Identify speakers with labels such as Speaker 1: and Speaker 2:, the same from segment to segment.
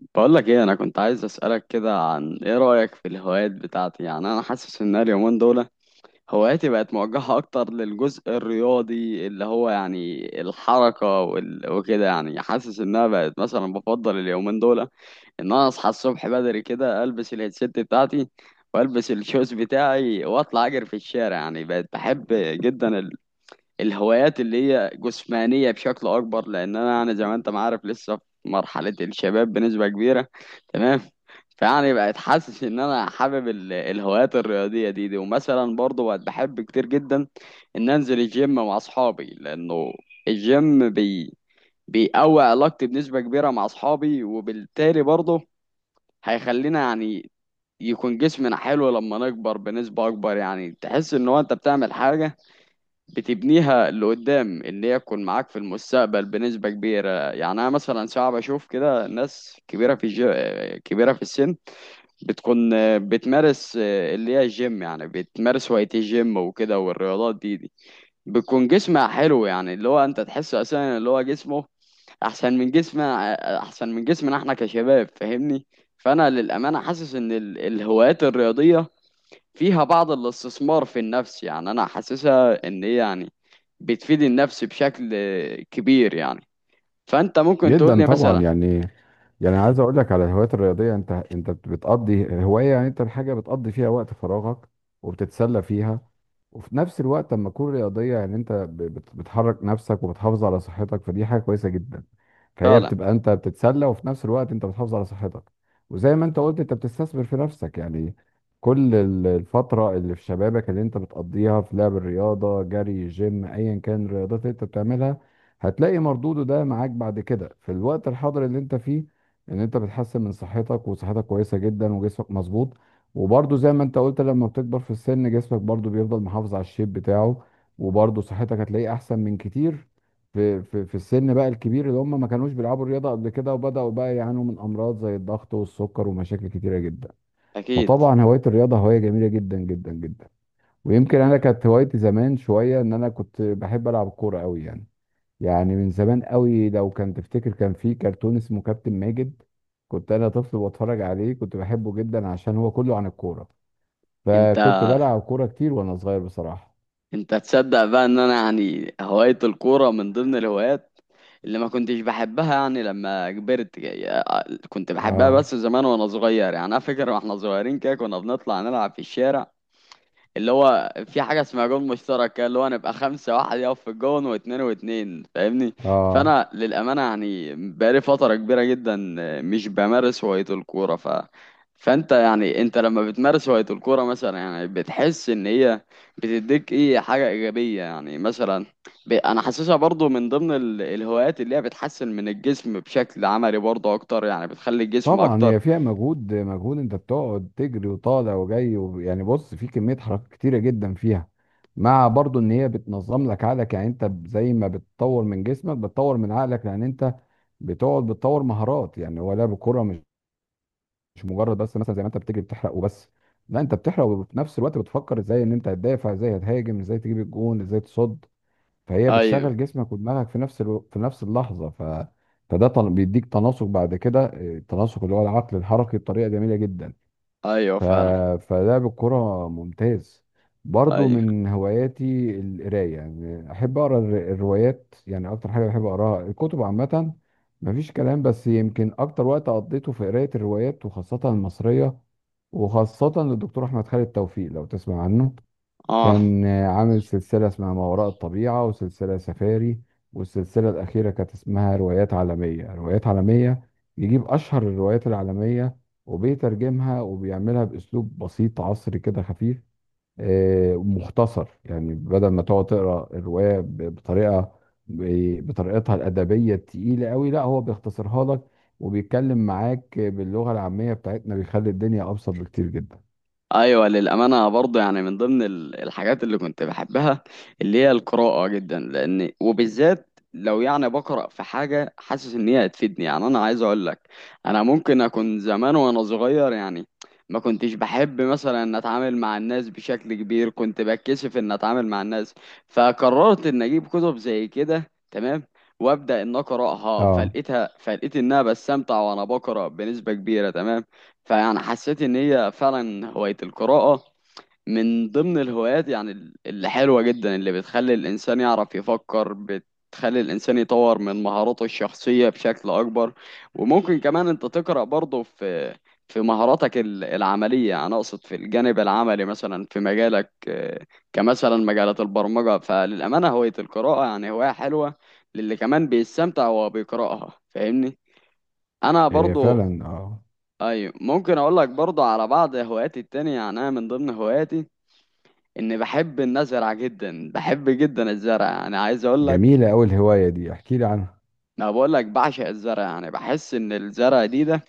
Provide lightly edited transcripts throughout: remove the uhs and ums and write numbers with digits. Speaker 1: بقولك ايه، انا كنت عايز اسالك كده عن ايه رايك في الهوايات بتاعتي. انا حاسس ان أنا اليومين دول هواياتي بقت موجهه اكتر للجزء الرياضي اللي هو الحركه وكده. حاسس انها بقت مثلا بفضل اليومين دول ان انا اصحى الصبح بدري كده، البس الهيدسيت بتاعتي والبس الشوز بتاعي واطلع اجري في الشارع. بقت بحب جدا الهوايات اللي هي جسمانية بشكل أكبر، لأن أنا زي ما أنت ما عارف لسه في مرحلة الشباب بنسبة كبيرة. تمام. فيعني بقت حاسس إن أنا حابب الهوايات الرياضية دي، ومثلا برضه بقت بحب كتير جدا إن أنزل الجيم مع أصحابي، لأنه الجيم بيقوي علاقتي بنسبة كبيرة مع أصحابي، وبالتالي برضه هيخلينا يكون جسمنا حلو لما نكبر بنسبة أكبر. يعني تحس إن هو أنت بتعمل حاجة بتبنيها لقدام ان هي تكون معاك في المستقبل بنسبة كبيرة. يعني انا مثلا ساعات بشوف كده ناس كبيرة في السن بتكون بتمارس اللي هي الجيم، يعني بتمارس هواية الجيم وكده والرياضات دي، بتكون جسمها حلو. يعني اللي هو انت تحس اساسا اللي هو جسمه احسن من جسمنا احسن من جسمنا احنا كشباب، فاهمني؟ فانا للامانة حاسس ان الهوايات الرياضية فيها بعض الاستثمار في النفس. يعني انا حاسسها ان هي بتفيد النفس بشكل كبير يعني. فانت ممكن تقول
Speaker 2: جدا
Speaker 1: لي
Speaker 2: طبعا
Speaker 1: مثلا.
Speaker 2: يعني عايز اقول لك على الهوايات الرياضيه، انت بتقضي هوايه، يعني انت الحاجه بتقضي فيها وقت فراغك وبتتسلى فيها. وفي نفس الوقت لما تكون رياضيه يعني انت بتحرك نفسك وبتحافظ على صحتك، فدي حاجه كويسه جدا. فهي
Speaker 1: فعلا.
Speaker 2: بتبقى انت بتتسلى وفي نفس الوقت انت بتحافظ على صحتك. وزي ما انت قلت انت بتستثمر في نفسك يعني. كل الفتره اللي في شبابك اللي انت بتقضيها في لعب الرياضه، جري، جيم، ايا كان الرياضات اللي انت بتعملها، هتلاقي مردوده ده معاك بعد كده في الوقت الحاضر اللي انت فيه، ان انت بتحسن من صحتك وصحتك كويسه جدا وجسمك مظبوط. وبرضه زي ما انت قلت لما بتكبر في السن جسمك برضه بيفضل محافظ على الشيب بتاعه، وبرضه صحتك هتلاقيه احسن من كتير في السن بقى الكبير اللي هم ما كانوش بيلعبوا الرياضه قبل كده وبداوا بقى يعانوا من امراض زي الضغط والسكر ومشاكل كتيره جدا.
Speaker 1: اكيد.
Speaker 2: فطبعا هوايه الرياضه هوايه جميله جدا جدا جدا. ويمكن انا كانت هوايتي زمان شويه ان انا كنت بحب العب كوره قوي يعني. يعني من زمان قوي لو كان تفتكر كان في كرتون اسمه كابتن ماجد. كنت انا طفل بتفرج عليه كنت بحبه جدا عشان هو كله عن الكوره.
Speaker 1: انت
Speaker 2: فكنت بلعب كوره كتير وانا صغير بصراحه.
Speaker 1: انت تصدق بقى ان انا يعني هواية الكورة من ضمن الهوايات اللي ما كنتش بحبها يعني لما كبرت. يعني كنت بحبها
Speaker 2: اه.
Speaker 1: بس زمان وانا صغير. يعني انا فاكر واحنا صغيرين كده كنا بنطلع نلعب في الشارع اللي هو في حاجة اسمها جون مشترك كده، اللي هو نبقى 5، واحد يقف في الجون 2 و2، فاهمني؟
Speaker 2: اه.
Speaker 1: فأنا للأمانة يعني بقالي فترة كبيرة جدا مش بمارس هواية الكورة. ف فأنت يعني أنت لما بتمارس هواية الكورة مثلا، يعني بتحس إن هي بتديك حاجة إيجابية؟ يعني مثلا أنا حاسسها برضو من ضمن الهوايات اللي هي بتحسن من الجسم بشكل عملي برضو أكتر، يعني بتخلي الجسم
Speaker 2: طبعا
Speaker 1: أكتر.
Speaker 2: هي فيها مجهود مجهود، انت بتقعد تجري وطالع وجاي يعني بص، في كميه حركات كتيره جدا فيها، مع برضو ان هي بتنظم لك عقلك. يعني انت زي ما بتطور من جسمك بتطور من عقلك، لان انت بتقعد بتطور مهارات. يعني هو لعب الكوره مش مجرد بس مثلا زي ما انت بتجري بتحرق وبس. لا، انت بتحرق وفي نفس الوقت بتفكر ازاي ان انت هتدافع، ازاي هتهاجم، ازاي تجيب الجون، ازاي تصد. فهي
Speaker 1: أيوه.
Speaker 2: بتشغل جسمك ودماغك في نفس اللحظه. فده بيديك تناسق بعد كده. اه، التناسق اللي هو العقل الحركي بطريقه جميله جدا.
Speaker 1: أيوه،
Speaker 2: ف...
Speaker 1: فعلا.
Speaker 2: فلعب الكرة ممتاز. برضو
Speaker 1: أيوه.
Speaker 2: من هواياتي القراية. يعني أحب أقرأ الروايات. يعني أكتر حاجة بحب أقرأها الكتب عامة. مفيش كلام، بس يمكن أكتر وقت قضيته في قراية الروايات وخاصة المصرية، وخاصة للدكتور أحمد خالد توفيق لو تسمع عنه.
Speaker 1: آه.
Speaker 2: كان آه، عامل سلسلة اسمها ما وراء الطبيعة وسلسلة سفاري. والسلسلة الأخيرة كانت اسمها روايات عالمية روايات عالمية. يجيب أشهر الروايات العالمية وبيترجمها وبيعملها بأسلوب بسيط عصري كده خفيف. آه، مختصر. يعني بدل ما تقعد تقرأ الرواية بطريقتها الأدبية التقيلة قوي، لا هو بيختصرها لك وبيتكلم معاك باللغة العامية بتاعتنا، بيخلي الدنيا أبسط بكتير جدا.
Speaker 1: ايوه، للامانه برضه يعني من ضمن الحاجات اللي كنت بحبها اللي هي القراءه جدا، لان وبالذات لو يعني بقرا في حاجه حاسس ان هي هتفيدني. يعني انا عايز اقول لك انا ممكن اكون زمان وانا صغير يعني ما كنتش بحب مثلا ان اتعامل مع الناس بشكل كبير، كنت بتكسف ان اتعامل مع الناس، فقررت ان اجيب كتب زي كده. تمام. وابدا ان اقراها،
Speaker 2: اه.
Speaker 1: فلقيتها، فلقيت انها بستمتع وانا بقرا بنسبه كبيره. تمام. فيعني حسيت ان هي فعلا هواية القراءة من ضمن الهوايات اللي حلوة جدا، اللي بتخلي الانسان يعرف يفكر، بتخلي الانسان يطور من مهاراته الشخصية بشكل اكبر. وممكن كمان انت تقرأ برضه في في مهاراتك العملية، انا اقصد في الجانب العملي مثلا في مجالك. آه، كمثلا مجالات البرمجة. فللأمانة هواية القراءة يعني هواية حلوة، للي كمان بيستمتع وهو بيقرأها، فاهمني؟ انا
Speaker 2: إيه فعلا.
Speaker 1: برضو.
Speaker 2: اه.
Speaker 1: ايوه، ممكن اقول لك برضه على بعض هواياتي التانية. يعني انا من ضمن هواياتي اني بحب ان ازرع جدا، بحب جدا الزرع. يعني عايز اقول لك،
Speaker 2: جميلة أوي الهواية دي، احكي لي عنها.
Speaker 1: ما بقول لك بعشق الزرع. يعني بحس ان الزرع ده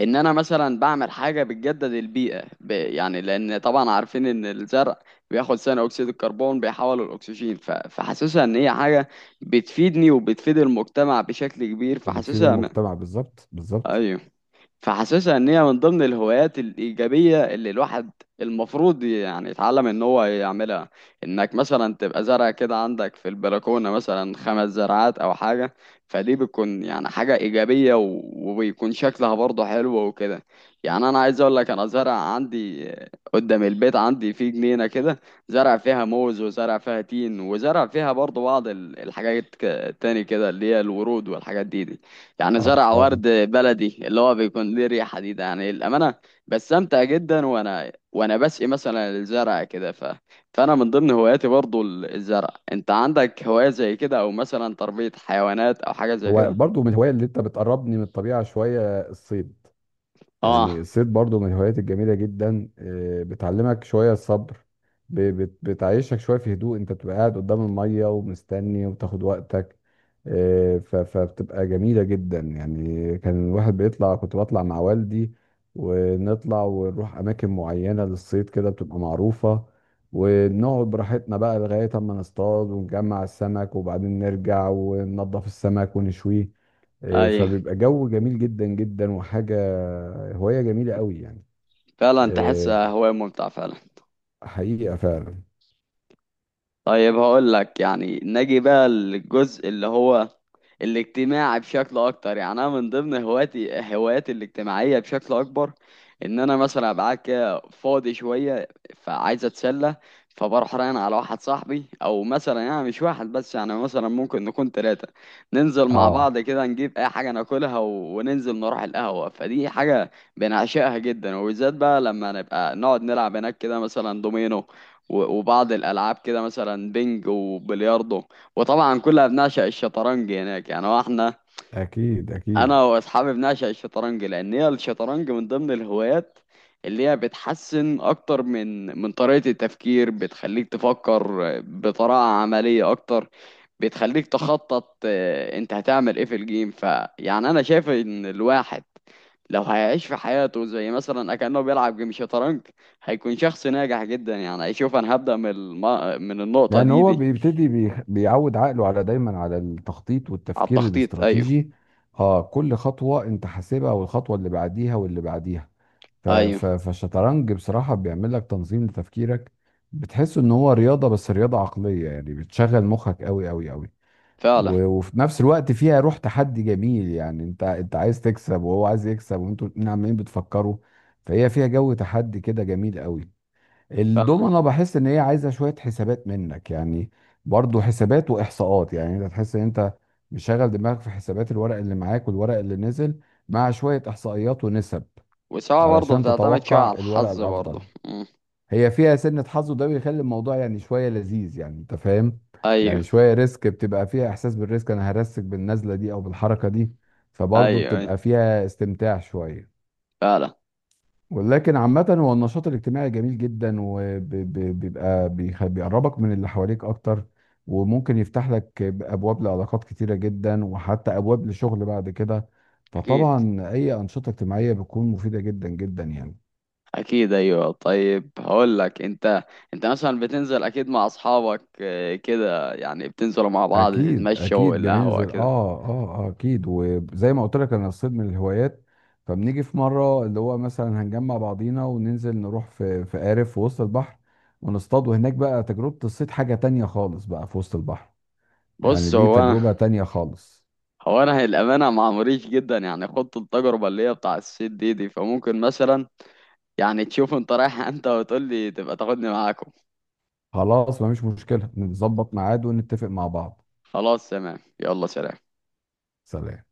Speaker 1: ان انا مثلا بعمل حاجة بتجدد البيئة يعني لان طبعا عارفين ان الزرع بياخد ثاني اكسيد الكربون بيحوله الاكسجين. فحاسسها ان هي حاجة بتفيدني وبتفيد المجتمع بشكل كبير.
Speaker 2: وبتفيد المجتمع بالظبط بالظبط.
Speaker 1: ايوه، فحاسسها ان هي من ضمن الهوايات الايجابيه اللي الواحد المفروض يعني يتعلم ان هو يعملها. انك مثلا تبقى زرع كده عندك في البلكونه مثلا 5 زرعات او حاجه، فدي بتكون يعني حاجه ايجابيه، وبيكون شكلها برضه حلو وكده. يعني انا عايز اقول لك انا زرع عندي قدام البيت، عندي في جنينه كده زرع فيها موز وزرع فيها تين وزرع فيها برضه بعض الحاجات تاني كده اللي هي الورود والحاجات دي. يعني
Speaker 2: اه.
Speaker 1: زرع
Speaker 2: اه.
Speaker 1: ورد بلدي اللي هو بيكون ليه ريحة ده. يعني الأمانة بستمتع جدا وأنا بسقي مثلا الزرع كده. فأنا من ضمن هواياتي برضو الزرع. أنت عندك هواية زي كده أو مثلا تربية حيوانات أو حاجة زي
Speaker 2: هو
Speaker 1: كده؟
Speaker 2: برضو من الهواية اللي انت بتقربني من الطبيعة شوية، الصيد. يعني
Speaker 1: آه.
Speaker 2: الصيد برضو من الهوايات الجميلة جدا. آه، بتعلمك شوية الصبر. بتعيشك شوية في هدوء. انت بتبقى قاعد قدام المية ومستني وبتاخد وقتك. آه، فبتبقى جميلة جدا. يعني كان الواحد بيطلع، كنت بطلع مع والدي ونطلع ونروح أماكن معينة للصيد كده بتبقى معروفة. ونقعد براحتنا بقى لغاية أما نصطاد ونجمع السمك وبعدين نرجع وننضف السمك ونشويه. آه،
Speaker 1: أي.
Speaker 2: فبيبقى جو جميل جدا جدا وحاجة، هواية جميلة قوي يعني.
Speaker 1: فعلا،
Speaker 2: آه،
Speaker 1: تحسها هواية ممتعة فعلا.
Speaker 2: حقيقة فعلا.
Speaker 1: طيب هقول لك، يعني نجي بقى للجزء اللي هو الاجتماعي بشكل اكتر. يعني انا من ضمن هواياتي الاجتماعيه بشكل اكبر، ان انا مثلا ابقى قاعد كده فاضي شويه، فعايز اتسلى، فبروح رايح على واحد صاحبي، او مثلا يعني مش واحد بس، يعني مثلا ممكن نكون 3 ننزل مع
Speaker 2: اه.
Speaker 1: بعض كده، نجيب اي حاجه ناكلها وننزل نروح القهوه. فدي حاجه بنعشقها جدا، وبالذات بقى لما نبقى نقعد نلعب هناك كده مثلا دومينو وبعض الالعاب كده مثلا بينج وبلياردو، وطبعا كلها بنعشق الشطرنج هناك. يعني هو احنا
Speaker 2: اكيد اكيد.
Speaker 1: انا واصحابي بنعشق الشطرنج، لان هي الشطرنج من ضمن الهوايات اللي هي بتحسن اكتر من من طريقة التفكير، بتخليك تفكر بطريقة عملية اكتر، بتخليك تخطط. آه، انت هتعمل ايه في الجيم. فيعني انا شايف ان الواحد لو هيعيش في حياته زي مثلا أكأنه بيلعب جيم شطرنج هيكون شخص ناجح جدا. يعني هيشوف أنا هبدأ من من النقطة
Speaker 2: لان
Speaker 1: دي
Speaker 2: هو
Speaker 1: دي
Speaker 2: بيبتدي بيعود عقله على دايما على التخطيط
Speaker 1: على
Speaker 2: والتفكير
Speaker 1: التخطيط، أيوه.
Speaker 2: الاستراتيجي. اه، كل خطوة انت حاسبها والخطوة اللي بعديها واللي بعديها. ف- ف-
Speaker 1: أيوه،
Speaker 2: فالشطرنج بصراحة بيعمل لك تنظيم لتفكيرك. بتحس ان هو رياضة بس رياضة عقلية. يعني بتشغل مخك قوي قوي قوي.
Speaker 1: فعلا.
Speaker 2: وفي نفس الوقت فيها روح تحدي جميل. يعني انت عايز تكسب وهو عايز يكسب وانتوا الاتنين عمالين بتفكروا. فهي فيها جو تحدي كده جميل قوي.
Speaker 1: فعلا.
Speaker 2: الدومنة بحس ان هي عايزة شوية حسابات منك يعني. برضو حسابات واحصاءات. يعني انت تحس ان انت مشغل دماغك في حسابات الورق اللي معاك والورق اللي نزل، مع شوية احصائيات ونسب
Speaker 1: والسواقة برضه
Speaker 2: علشان
Speaker 1: بتعتمد شوية على
Speaker 2: تتوقع الورق
Speaker 1: الحظ برضه.
Speaker 2: الافضل.
Speaker 1: مم.
Speaker 2: هي فيها سنة حظ وده بيخلي الموضوع يعني شوية لذيذ، يعني انت فاهم.
Speaker 1: أيوه.
Speaker 2: يعني شوية ريسك، بتبقى فيها احساس بالريسك. انا هرسك بالنزلة دي او بالحركة دي.
Speaker 1: أيوه.
Speaker 2: فبرضه
Speaker 1: أيوه،
Speaker 2: بتبقى فيها استمتاع شوية.
Speaker 1: فعلا.
Speaker 2: ولكن عامة هو النشاط الاجتماعي جميل جدا وبيبقى بيقربك من اللي حواليك اكتر، وممكن يفتح لك ابواب لعلاقات كتيرة جدا وحتى ابواب لشغل بعد كده.
Speaker 1: أكيد.
Speaker 2: فطبعا اي انشطة اجتماعية بتكون مفيدة جدا جدا يعني.
Speaker 1: أكيد، أيوه. طيب هقول لك، أنت مثلا بتنزل أكيد مع أصحابك. آه، كده يعني بتنزلوا مع بعض
Speaker 2: اكيد
Speaker 1: تتمشوا
Speaker 2: اكيد
Speaker 1: القهوة
Speaker 2: بننزل اه.
Speaker 1: كده.
Speaker 2: اه. آه، اكيد. وزي ما قلت لك انا الصيد من الهوايات. فبنيجي في مره اللي هو مثلا هنجمع بعضينا وننزل نروح في قارب في وسط البحر ونصطاد. وهناك بقى تجربه الصيد حاجه تانية خالص بقى في وسط البحر. يعني
Speaker 1: بص
Speaker 2: دي
Speaker 1: هو أنا.
Speaker 2: تجربه تانية خالص.
Speaker 1: هو انا للامانه مع مريش جدا، يعني خدت التجربه اللي هي بتاع السيت دي، فممكن مثلا يعني تشوف انت رايح انت وتقول لي تبقى تاخدني معاكم.
Speaker 2: خلاص مفيش مشكله، نظبط ميعاد ونتفق مع بعض.
Speaker 1: خلاص، تمام، يلا سلام.
Speaker 2: سلام.